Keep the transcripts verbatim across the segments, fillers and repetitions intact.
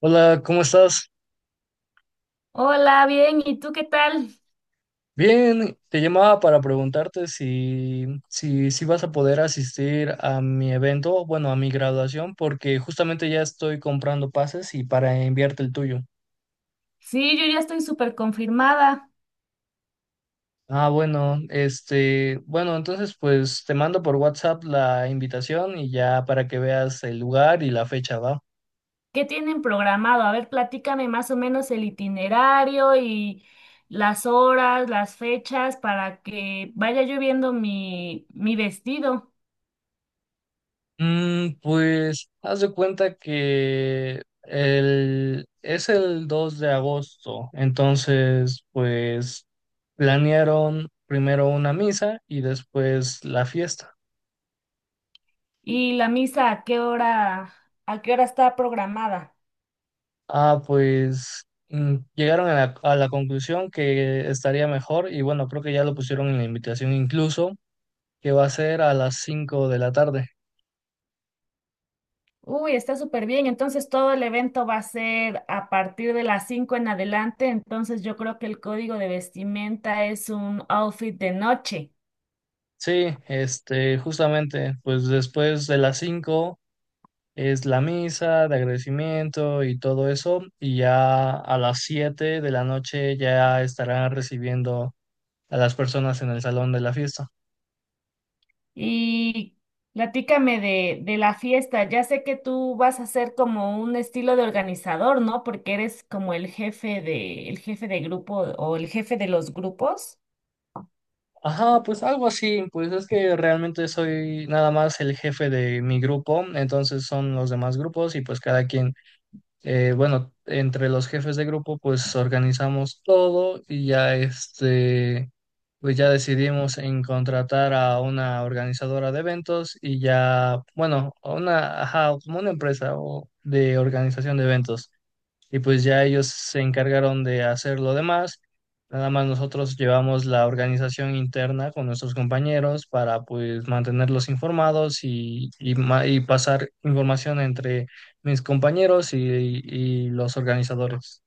Hola, ¿cómo estás? Hola, bien, ¿y tú qué tal? Bien, te llamaba para preguntarte si, si, si vas a poder asistir a mi evento, bueno, a mi graduación, porque justamente ya estoy comprando pases y para enviarte el tuyo. Sí, yo ya estoy súper confirmada. Ah, bueno, este, bueno, entonces pues te mando por WhatsApp la invitación y ya para que veas el lugar y la fecha, ¿va? ¿Qué tienen programado? A ver, platícame más o menos el itinerario y las horas, las fechas para que vaya yo viendo mi, mi vestido. Mm, pues haz de cuenta que el, es el dos de agosto, entonces pues planearon primero una misa y después la fiesta. Y la misa, ¿a qué hora, a qué hora está programada? Ah, pues mm, llegaron a la, a la conclusión que estaría mejor y bueno, creo que ya lo pusieron en la invitación incluso, que va a ser a las cinco de la tarde. Uy, está súper bien. Entonces todo el evento va a ser a partir de las cinco en adelante. Entonces yo creo que el código de vestimenta es un outfit de noche. Sí, este, justamente, pues después de las cinco es la misa de agradecimiento y todo eso, y ya a las siete de la noche ya estarán recibiendo a las personas en el salón de la fiesta. Y platícame de, de la fiesta. Ya sé que tú vas a ser como un estilo de organizador, ¿no? Porque eres como el jefe de, el jefe de grupo o el jefe de los grupos. Ajá, pues algo así, pues es que realmente soy nada más el jefe de mi grupo, entonces son los demás grupos y pues cada quien, eh, bueno, entre los jefes de grupo pues organizamos todo y ya este... pues ya decidimos en contratar a una organizadora de eventos y ya, bueno, a una, ajá, como una empresa o de organización de eventos. Y pues ya ellos se encargaron de hacer lo demás. Nada más nosotros llevamos la organización interna con nuestros compañeros para pues mantenerlos informados y, y, ma- y pasar información entre mis compañeros y y los organizadores.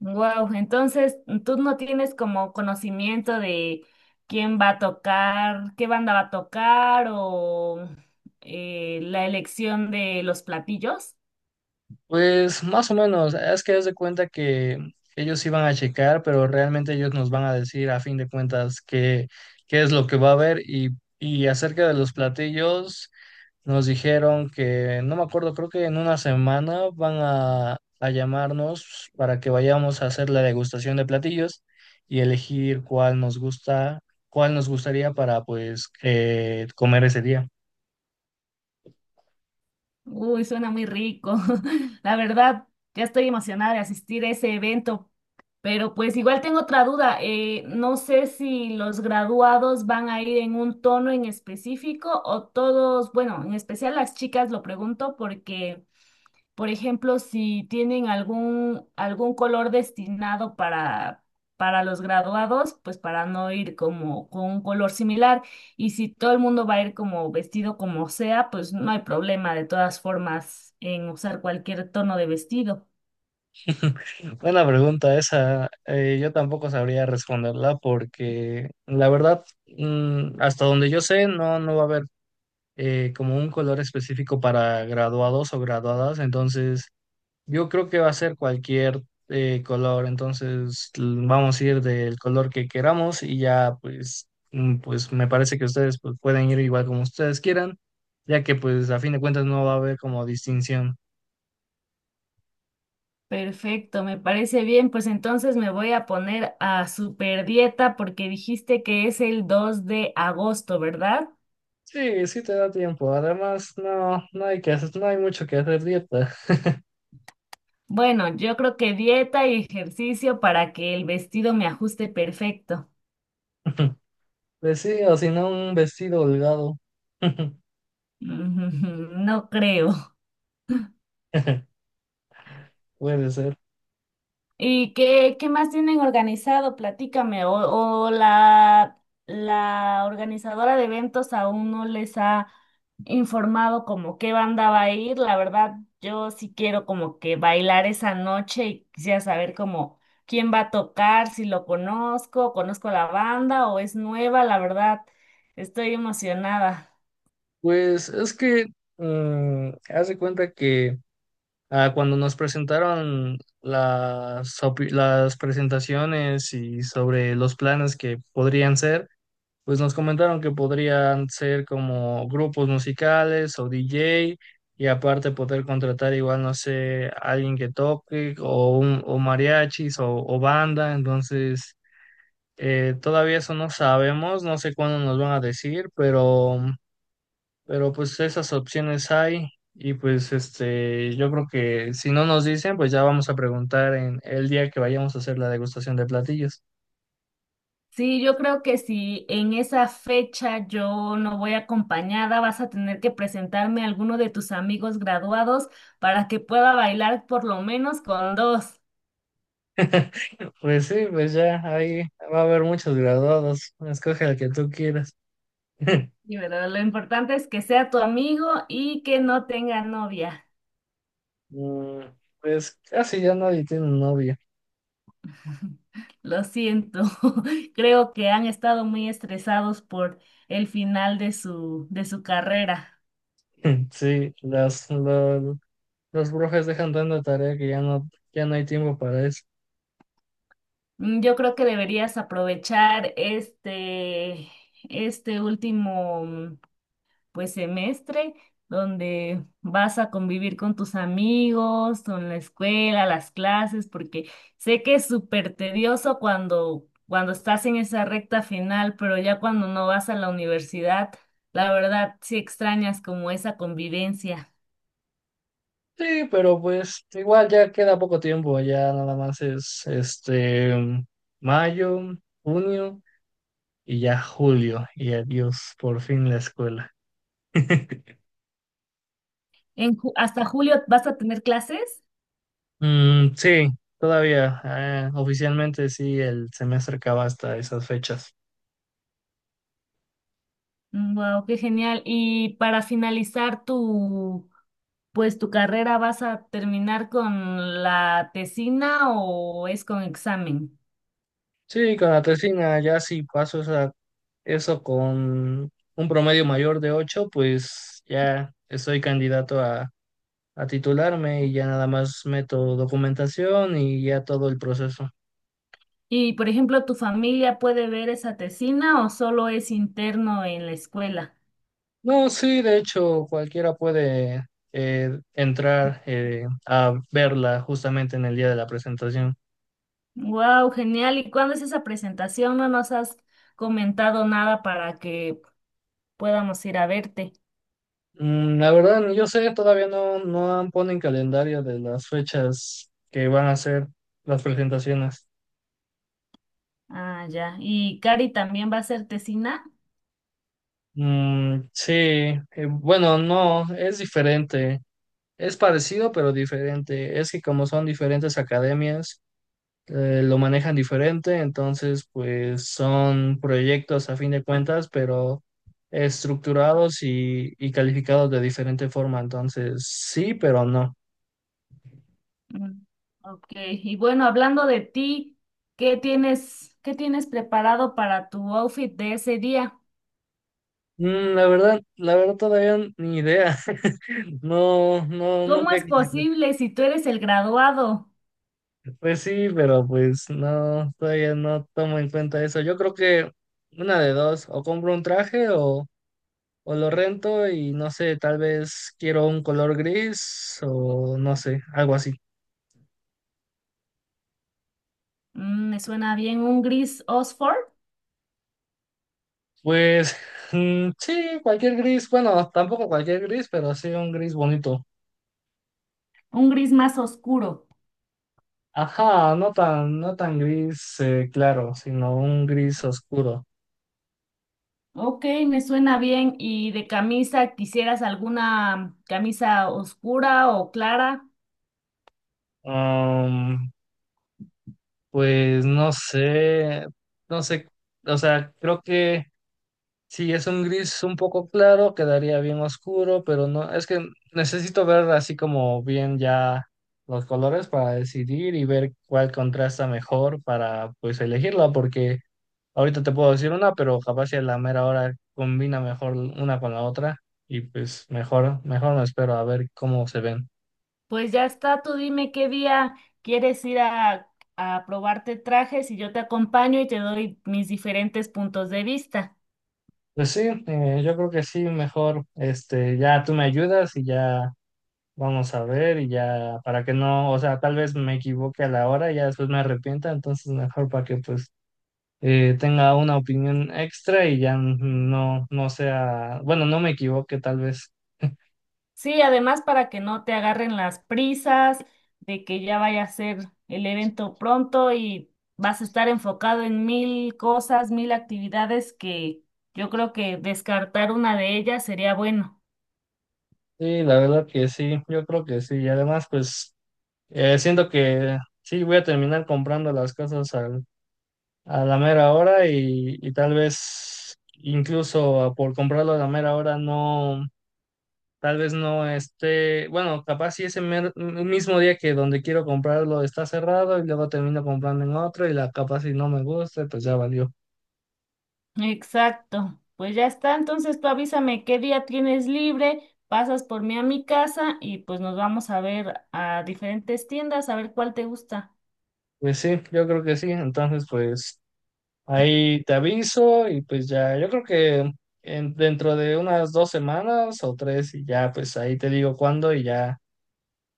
Wow, entonces tú no tienes como conocimiento de quién va a tocar, qué banda va a tocar o eh, la elección de los platillos. Pues más o menos, es que haz de cuenta que ellos iban a checar, pero realmente ellos nos van a decir a fin de cuentas qué, qué es lo que va a haber y, y acerca de los platillos nos dijeron que, no me acuerdo, creo que en una semana van a, a llamarnos para que vayamos a hacer la degustación de platillos y elegir cuál nos gusta, cuál nos gustaría para pues eh, comer ese día. Uy, suena muy rico. La verdad, ya estoy emocionada de asistir a ese evento, pero pues igual tengo otra duda. Eh, no sé si los graduados van a ir en un tono en específico o todos, bueno, en especial las chicas lo pregunto porque... Por ejemplo, si tienen algún, algún color destinado para, para los graduados, pues para no ir como con un color similar. Y si todo el mundo va a ir como vestido como sea, pues no hay problema de todas formas en usar cualquier tono de vestido. Buena pregunta esa. Eh, yo tampoco sabría responderla porque la verdad, mm, hasta donde yo sé, no, no va a haber eh, como un color específico para graduados o graduadas. Entonces, yo creo que va a ser cualquier eh, color. Entonces, l- vamos a ir del color que queramos y ya, pues, mm, pues me parece que ustedes pues, pueden ir igual como ustedes quieran, ya que pues a fin de cuentas no va a haber como distinción. Perfecto, me parece bien. Pues entonces me voy a poner a super dieta porque dijiste que es el dos de agosto, ¿verdad? Sí, sí te da tiempo. Además, no, no hay que hacer, no hay mucho que hacer dieta. Bueno, yo creo que dieta y ejercicio para que el vestido me ajuste perfecto. Pues sí, o si no, un vestido holgado. Mm, no creo. Puede ser. ¿Y qué, qué más tienen organizado? Platícame. O o la, la organizadora de eventos aún no les ha informado como qué banda va a ir. La verdad, yo sí quiero como que bailar esa noche y quisiera saber como quién va a tocar, si lo conozco, conozco la banda o es nueva. La verdad, estoy emocionada. Pues es que mm, haz de cuenta que ah, cuando nos presentaron las, opi- las presentaciones y sobre los planes que podrían ser, pues nos comentaron que podrían ser como grupos musicales o D J y aparte poder contratar igual, no sé, alguien que toque o, un- o mariachis o, o banda. Entonces, eh, todavía eso no sabemos, no sé cuándo nos van a decir, pero, pero pues esas opciones hay. Y pues este, yo creo que si no nos dicen, pues ya vamos a preguntar en el día que vayamos a hacer la degustación de platillos. Sí, yo creo que si en esa fecha yo no voy acompañada, vas a tener que presentarme a alguno de tus amigos graduados para que pueda bailar por lo menos con dos. Pues sí, pues ya ahí va a haber muchos graduados. Escoge al que tú quieras. Y verdad, lo importante es que sea tu amigo y que no tenga novia. Mm, Pues casi ya nadie tiene novia. Lo siento, creo que han estado muy estresados por el final de su, de su carrera. Sí, las, lo- los profes dejan tanta tarea que ya no, ya no hay tiempo para eso. Mm, yo creo que deberías aprovechar este, este último pues semestre donde vas a convivir con tus amigos, con la escuela, las clases, porque sé que es súper tedioso cuando, cuando estás en esa recta final, pero ya cuando no vas a la universidad, la verdad sí extrañas como esa convivencia. Sí, pero pues igual ya queda poco tiempo, ya nada más es este mayo, junio y ya julio. Y adiós, por fin la escuela. En, ju- ¿hasta julio vas a tener clases? Mm, sí, todavía. Eh, oficialmente sí, el semestre acaba hasta esas fechas. Wow, qué genial. Y para finalizar tu pues tu carrera, ¿vas a terminar con la tesina o es con examen? Sí, con la tesina ya si paso esa, eso con un promedio mayor de ocho pues ya estoy candidato a, a titularme y ya nada más meto documentación y ya todo el proceso. Y, por ejemplo, ¿tu familia puede ver esa tesina o solo es interno en la escuela? No, sí, de hecho, cualquiera puede eh, entrar eh, a verla justamente en el día de la presentación. Wow, genial. ¿Y cuándo es esa presentación? No nos has comentado nada para que podamos ir a verte. Mm, La verdad, ni yo sé, todavía no, no han- ponen calendario de las fechas que van a ser las presentaciones. Ah, ya. ¿Y Cari también va a ser tesina? Mm, sí, eh, bueno, no, es diferente. Es parecido, pero diferente. Es que como son diferentes academias, eh, lo manejan diferente, entonces pues son proyectos a fin de cuentas, pero estructurados y, y calificados de diferente forma. Entonces, sí, pero no. Mm, ok. Y bueno, hablando de ti, ¿qué tienes, qué tienes preparado para tu outfit de ese día? Mm, La verdad, la verdad todavía ni idea. No, no, ¿Cómo nunca. es posible si tú eres el graduado? Pues sí, pero pues no, todavía no tomo en cuenta eso. Yo creo que una de dos, o compro un traje o, o lo rento y no sé, tal vez quiero un color gris o no sé, algo así. Mm, me suena bien un gris Oxford. Pues mm, sí, cualquier gris, bueno, tampoco cualquier gris, pero sí un gris bonito. Un gris más oscuro. Ajá, no tan, no tan gris eh, claro, sino un gris oscuro. Ok, me suena bien. ¿Y de camisa quisieras alguna camisa oscura o clara? Um, Pues no sé, no sé, o sea, creo que si es un gris un poco claro, quedaría bien oscuro, pero no, es que necesito ver así como bien ya los colores para decidir y ver cuál contrasta mejor para pues elegirla, porque ahorita te puedo decir una, pero capaz si a la mera hora combina mejor una con la otra y pues mejor, mejor me espero a ver cómo se ven. Pues ya está, tú dime qué día quieres ir a, a probarte trajes y yo te acompaño y te doy mis diferentes puntos de vista. Pues sí, eh, yo creo que sí, mejor, este, ya tú me ayudas y ya. Vamos a ver y ya, para que no, o sea, tal vez me equivoque a la hora y ya después me arrepienta, entonces mejor para que pues eh, tenga una opinión extra y ya no, no sea, bueno, no me equivoque tal vez. Sí, además para que no te agarren las prisas de que ya vaya a ser el evento pronto y vas a estar enfocado en mil cosas, mil actividades que yo creo que descartar una de ellas sería bueno. Sí, la verdad que sí, yo creo que sí. Y además, pues eh, siento que sí, voy a terminar comprando las cosas al- a la mera hora y, y tal vez incluso por comprarlo a la mera hora no. Tal vez no esté, bueno, capaz si ese mer- mismo día que donde quiero comprarlo está cerrado y luego termino comprando en otro y la capaz si no me gusta, pues ya valió. Exacto. Pues ya está, entonces tú avísame qué día tienes libre, pasas por mí a mi casa y pues nos vamos a ver a diferentes tiendas a ver cuál te gusta. Pues sí, yo creo que sí. Entonces, pues ahí te aviso y pues ya, yo creo que en- dentro de unas dos semanas o tres y ya, pues ahí te digo cuándo y ya,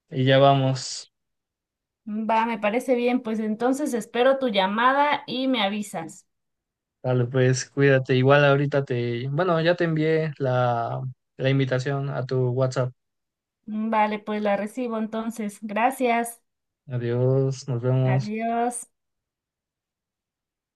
y ya vamos. Va, me parece bien, pues entonces espero tu llamada y me avisas. Dale, pues cuídate. Igual ahorita te, bueno, ya te envié la, la invitación a tu WhatsApp. Vale, pues la recibo entonces. Gracias. Adiós, nos vemos. Adiós.